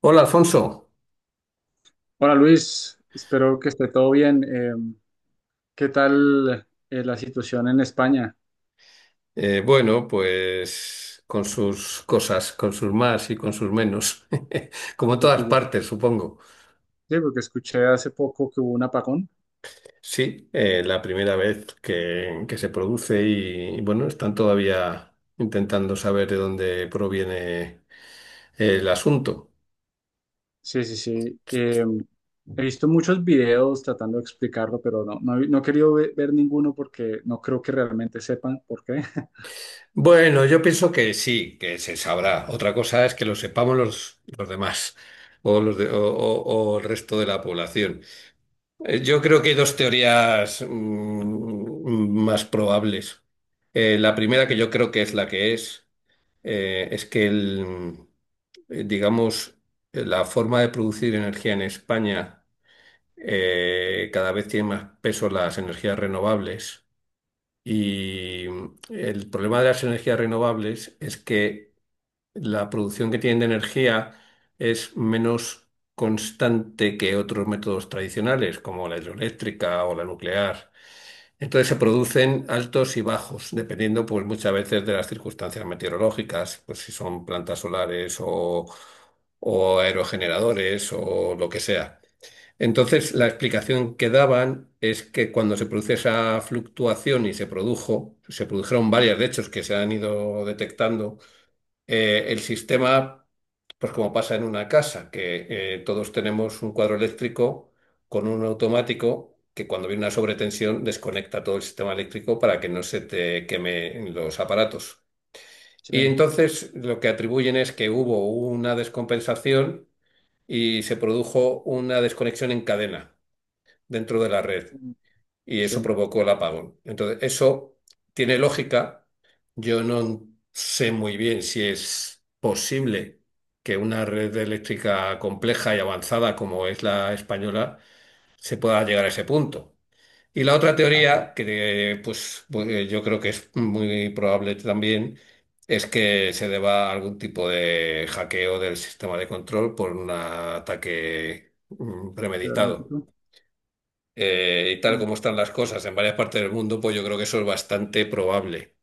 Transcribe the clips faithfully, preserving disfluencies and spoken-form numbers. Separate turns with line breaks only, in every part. Hola Alfonso.
Hola Luis, espero que esté todo bien. Eh, ¿qué tal eh, la situación en España?
Eh, bueno, pues con sus cosas, con sus más y con sus menos, como
Sí,
en
porque,
todas
yo-
partes, supongo.
sí, porque escuché hace poco que hubo un apagón.
Sí, eh, la primera vez que, que se produce y, bueno, están todavía intentando saber de dónde proviene el asunto.
Sí, sí, sí. Eh, he visto muchos videos tratando de explicarlo, pero no, no, he no he querido ve- ver ninguno porque no creo que realmente sepan por qué.
Bueno, yo pienso que sí, que se sabrá. Otra cosa es que lo sepamos los, los demás o, los de- o o- o el resto de la población. Eh, Yo creo que hay dos teorías mm, más probables. Eh, la primera, que yo creo que es la que es, eh, es que el, eh, Digamos, eh, la forma de producir energía en España eh, cada vez tiene más peso las energías renovables. Y mm, el problema de las energías renovables es que la producción que tienen de energía es menos constante que otros métodos tradicionales, como la hidroeléctrica o la nuclear. Entonces se producen altos y bajos, dependiendo pues muchas veces de las circunstancias meteorológicas, pues si son plantas solares o, o aerogeneradores o lo que sea. Entonces la explicación que daban es que cuando se produce esa fluctuación y se produjo, se produjeron varias de hechos que se han ido detectando, eh, el sistema, pues como pasa en una casa, que eh, todos tenemos un cuadro eléctrico con un automático que cuando viene una sobretensión desconecta todo el sistema eléctrico para que no se te quemen los aparatos.
Sí,
Y entonces lo que atribuyen es que hubo una descompensación y se produjo una desconexión en cadena dentro de la red y eso
sí.
provocó el apagón. Entonces, eso tiene lógica. Yo no sé muy bien si es posible que una red eléctrica compleja y avanzada como es la española se pueda llegar a ese punto. Y la otra teoría, que eh, pues, pues, yo creo que es muy probable también, es que se deba a algún tipo de hackeo del sistema de control por un ataque mm,
Sí, ¿verdad?
premeditado, eh, y tal
Mm.
como están las cosas en varias partes del mundo, pues yo creo que eso es bastante probable.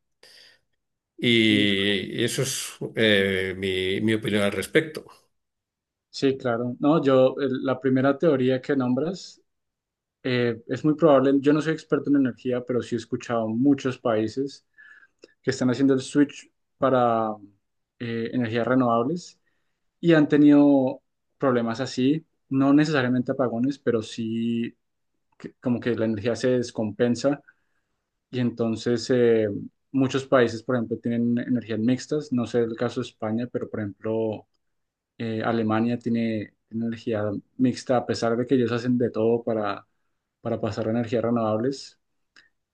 Hijo.
Y eso es eh, mi, mi opinión al respecto.
Sí, claro. No, yo, el- la primera teoría que nombras, eh, es muy probable, yo no soy experto en energía, pero sí he escuchado muchos países que están haciendo el switch para eh, energías renovables y han tenido problemas así, no necesariamente apagones, pero sí que- como que la energía se descompensa y entonces, eh, muchos países, por ejemplo, tienen energías mixtas, no sé el caso de España, pero por ejemplo, eh, Alemania tiene tiene energía mixta a pesar de que ellos hacen de todo para, para pasar a energías renovables.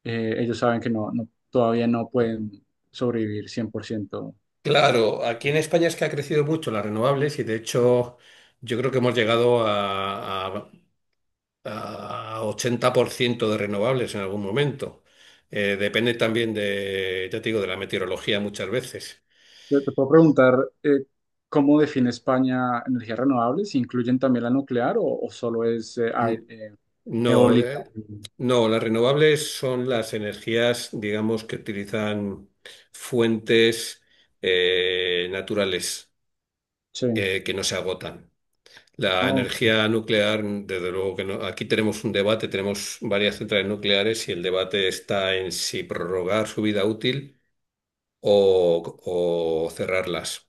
eh, Ellos saben que no, no- todavía no pueden sobrevivir cien por ciento.
Claro, aquí en España es que ha crecido mucho las renovables y de hecho yo creo que hemos llegado a, a, a ochenta por ciento de renovables en algún momento. Eh, depende también de, ya te digo, de la meteorología muchas veces.
Te te puedo preguntar, eh, ¿cómo define España energías renovables? ¿Incluyen también la nuclear o, o solo es eh,
Mm,
ai- eh,
No,
eólica?
eh, no, las renovables son las energías, digamos, que utilizan fuentes eh, naturales
Sí.
eh, que no se agotan.
Ah,
La
ok,
energía nuclear, desde luego que no. Aquí tenemos un debate, tenemos varias centrales nucleares y el debate está en si prorrogar su vida útil o, o cerrarlas.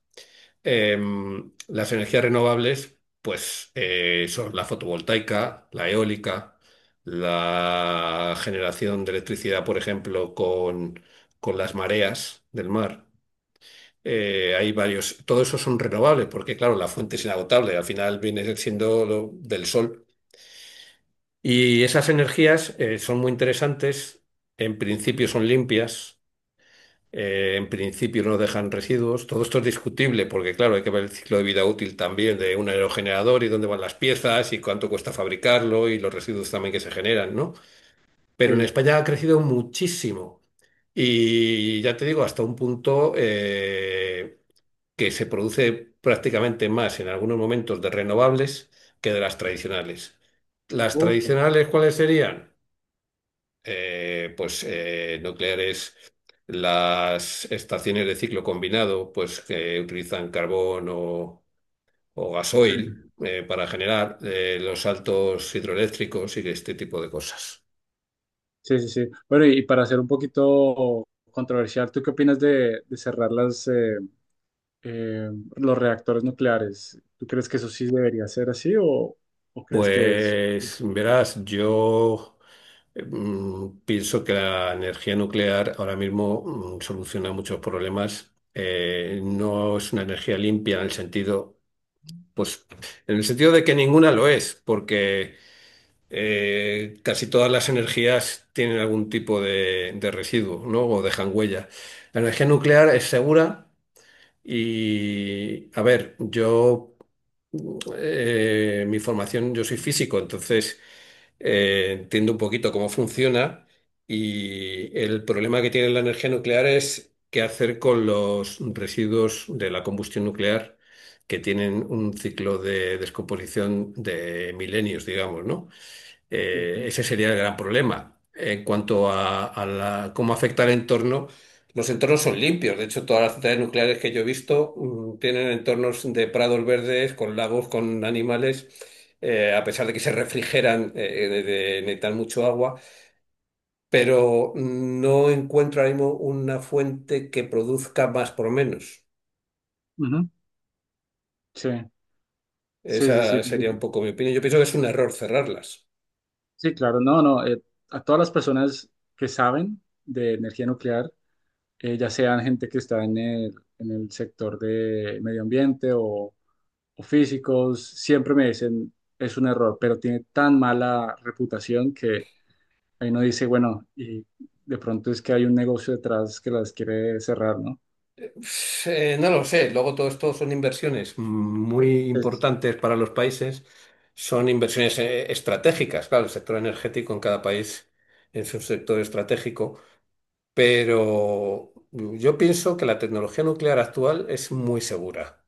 em, Las energías renovables, pues eh, son la fotovoltaica, la eólica, la generación de electricidad, por ejemplo, con, con las mareas del mar. Eh, hay varios, todo eso son renovables, porque claro, la fuente es inagotable, al final viene siendo lo del sol. Y esas energías eh, son muy interesantes, en principio son limpias, eh, en principio no dejan residuos. Todo esto es discutible porque, claro, hay que ver el ciclo de vida útil también de un aerogenerador y dónde van las piezas y cuánto cuesta fabricarlo y los residuos también que se generan, ¿no? Pero en
sí,
España ha crecido muchísimo y ya te digo, hasta un punto eh, que se produce prácticamente más en algunos momentos de renovables que de las tradicionales. ¿Las
ok,
tradicionales cuáles serían? Eh, pues eh, nucleares, las estaciones de ciclo combinado, pues que utilizan carbón o, o
sí,
gasoil, eh, para generar eh, los saltos hidroeléctricos y este tipo de cosas.
sí, sí, sí. Bueno, y para ser un poquito controversial, ¿tú qué opinas de, de cerrar las, eh, eh, los reactores nucleares? ¿Tú crees que eso sí debería ser así o, o crees que es...
Pues verás, yo mm, pienso que la energía nuclear ahora mismo mm, soluciona muchos problemas. Eh, no es una energía limpia en el sentido. Pues en el sentido de que ninguna lo es, porque eh, casi todas las energías tienen algún tipo de, de residuo, ¿no? O dejan huella. La energía nuclear es segura y a ver, yo, eh, mi formación, yo soy físico, entonces eh, entiendo un poquito cómo funciona y el problema que tiene la energía nuclear es qué hacer con los residuos de la combustión nuclear, que tienen un ciclo de descomposición de milenios, digamos, ¿no? Eh, ese sería el gran problema. En cuanto a, a la- cómo afecta el entorno, los entornos son limpios. De hecho, todas las centrales nucleares que yo he visto mm, tienen entornos de prados verdes, con lagos, con animales, eh, a pesar de que se refrigeran, eh, de, de necesitar mucho agua. Pero mm, no encuentro ahora mismo una fuente que produzca más por menos.
Ujú. Sí, sí, sí, sí.
Esa sería un poco mi opinión. Yo pienso que es un error cerrarlas.
Sí, claro, no, no. Eh, a todas las personas que saben de energía nuclear, eh, ya sean gente que está en el, en el sector de medio ambiente o, o físicos, siempre me dicen es un error, pero tiene tan mala reputación que ahí uno dice, bueno, y de pronto es que hay un negocio detrás que las quiere cerrar, ¿no?
Eh, no lo sé. Luego todo esto son inversiones muy
Es
importantes para los países. Son inversiones eh, estratégicas. Claro, el sector energético en cada país es un sector estratégico. Pero yo pienso que la tecnología nuclear actual es muy segura.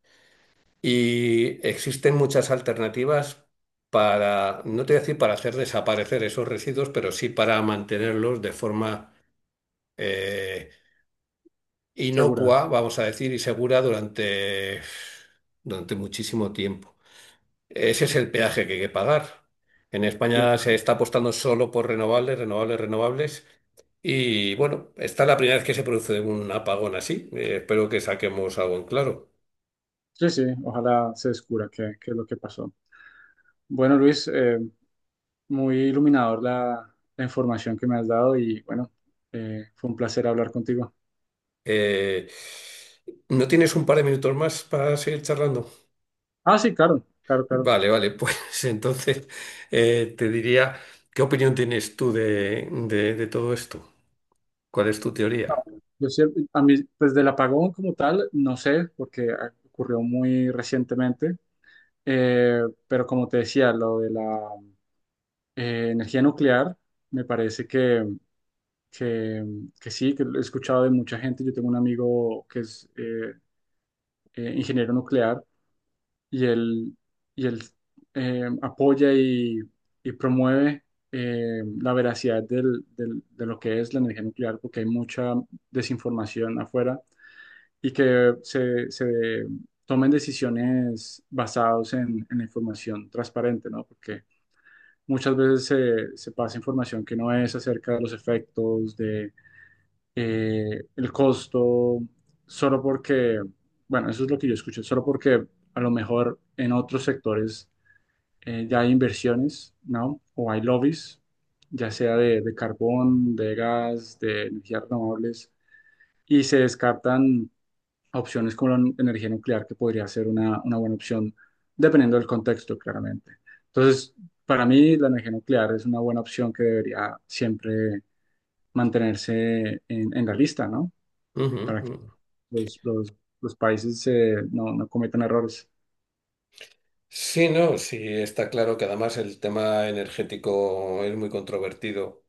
Y existen muchas alternativas para, no te voy a decir para hacer desaparecer esos residuos, pero sí para mantenerlos de forma eh,
segura.
inocua, vamos a decir, y segura durante, durante muchísimo tiempo. Ese es el peaje que hay que pagar. En
Sí,
España se
claro.
está apostando solo por renovables, renovables, renovables. Y bueno, esta es la primera vez que se produce un apagón así. Eh, espero que saquemos algo en claro.
Sí, sí, ojalá se descubra qué, qué es lo que pasó. Bueno, Luis, eh, muy iluminador la, la información que me has dado y bueno, eh, fue un placer hablar contigo.
Eh, ¿No tienes un par de minutos más para seguir charlando?
Ah, sí, claro, claro, claro.
Vale, vale, pues entonces, eh, te diría, ¿qué opinión tienes tú de, de de todo esto? ¿Cuál es tu
No,
teoría?
yo siempre- a mí, pues del apagón como tal, no sé, porque ah, ocurrió muy recientemente. Eh, pero como te decía, lo de la eh, energía nuclear, me parece que, que, que sí, que lo he escuchado de mucha gente. Yo tengo un amigo que es eh, eh, ingeniero nuclear, y él, y él eh, apoya y, y promueve eh, la veracidad del- del- de lo que es la energía nuclear, porque hay mucha desinformación afuera y que se, se tomen decisiones basadas en, en la información transparente, ¿no? Porque muchas veces se, se pasa información que no es acerca de los efectos, eh, el costo, solo porque, bueno, eso es lo que yo escuché, solo porque a lo mejor en otros sectores eh, ya hay inversiones, ¿no? O hay lobbies, ya sea de, de carbón, de gas, de energías renovables, y se descartan opciones como la nu- energía nuclear, que podría ser una, una buena opción, dependiendo del contexto, claramente. Entonces, para mí, la energía nuclear es una buena opción que debería siempre mantenerse en en la lista, ¿no?
Ujú,
Para que
ujú.
los, los, los países eh, no, no cometan errores.
Sí, no, sí, está claro que además el tema energético es muy controvertido.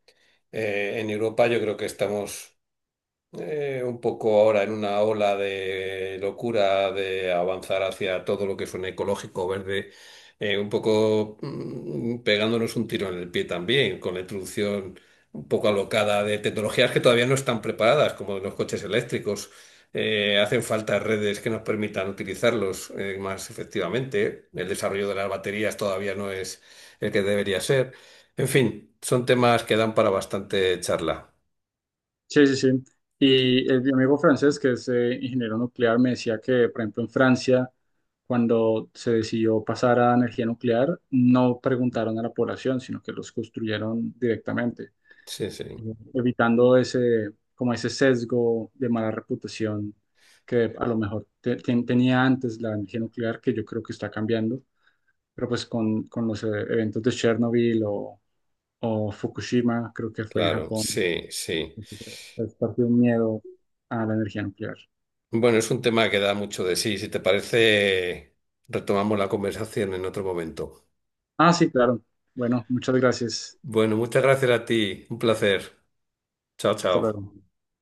Eh, en Europa yo creo que estamos Eh, un poco ahora en una ola de locura de avanzar hacia todo lo que suene ecológico, verde, eh, un poco mm, pegándonos un tiro en el pie también, con la introducción un poco alocada de tecnologías que todavía no están preparadas, como los coches eléctricos. Eh, hacen falta redes que nos permitan utilizarlos eh, más efectivamente. El desarrollo de las baterías todavía no es el que debería ser. En fin, son temas que dan para bastante charla.
Sí, sí, sí. Y el, mi amigo francés, que es eh, ingeniero nuclear, me decía que, por ejemplo, en Francia, cuando se decidió pasar a energía nuclear, no preguntaron a la población, sino que los construyeron directamente,
Sí, sí.
eh, evitando ese, como ese sesgo de mala reputación que a lo mejor te- te- tenía antes la energía nuclear, que yo creo que está cambiando, pero pues con, con los eh, eventos de Chernobyl o o Fukushima, creo que fue en
Claro,
Japón.
sí, sí.
Es parte de un miedo a la energía nuclear.
Bueno, es un tema que da mucho de sí. Si te parece, retomamos la conversación en otro momento.
Ah, sí, claro. Bueno, muchas gracias.
Bueno, muchas gracias a ti. Un placer. Chao,
Hasta
chao.
luego.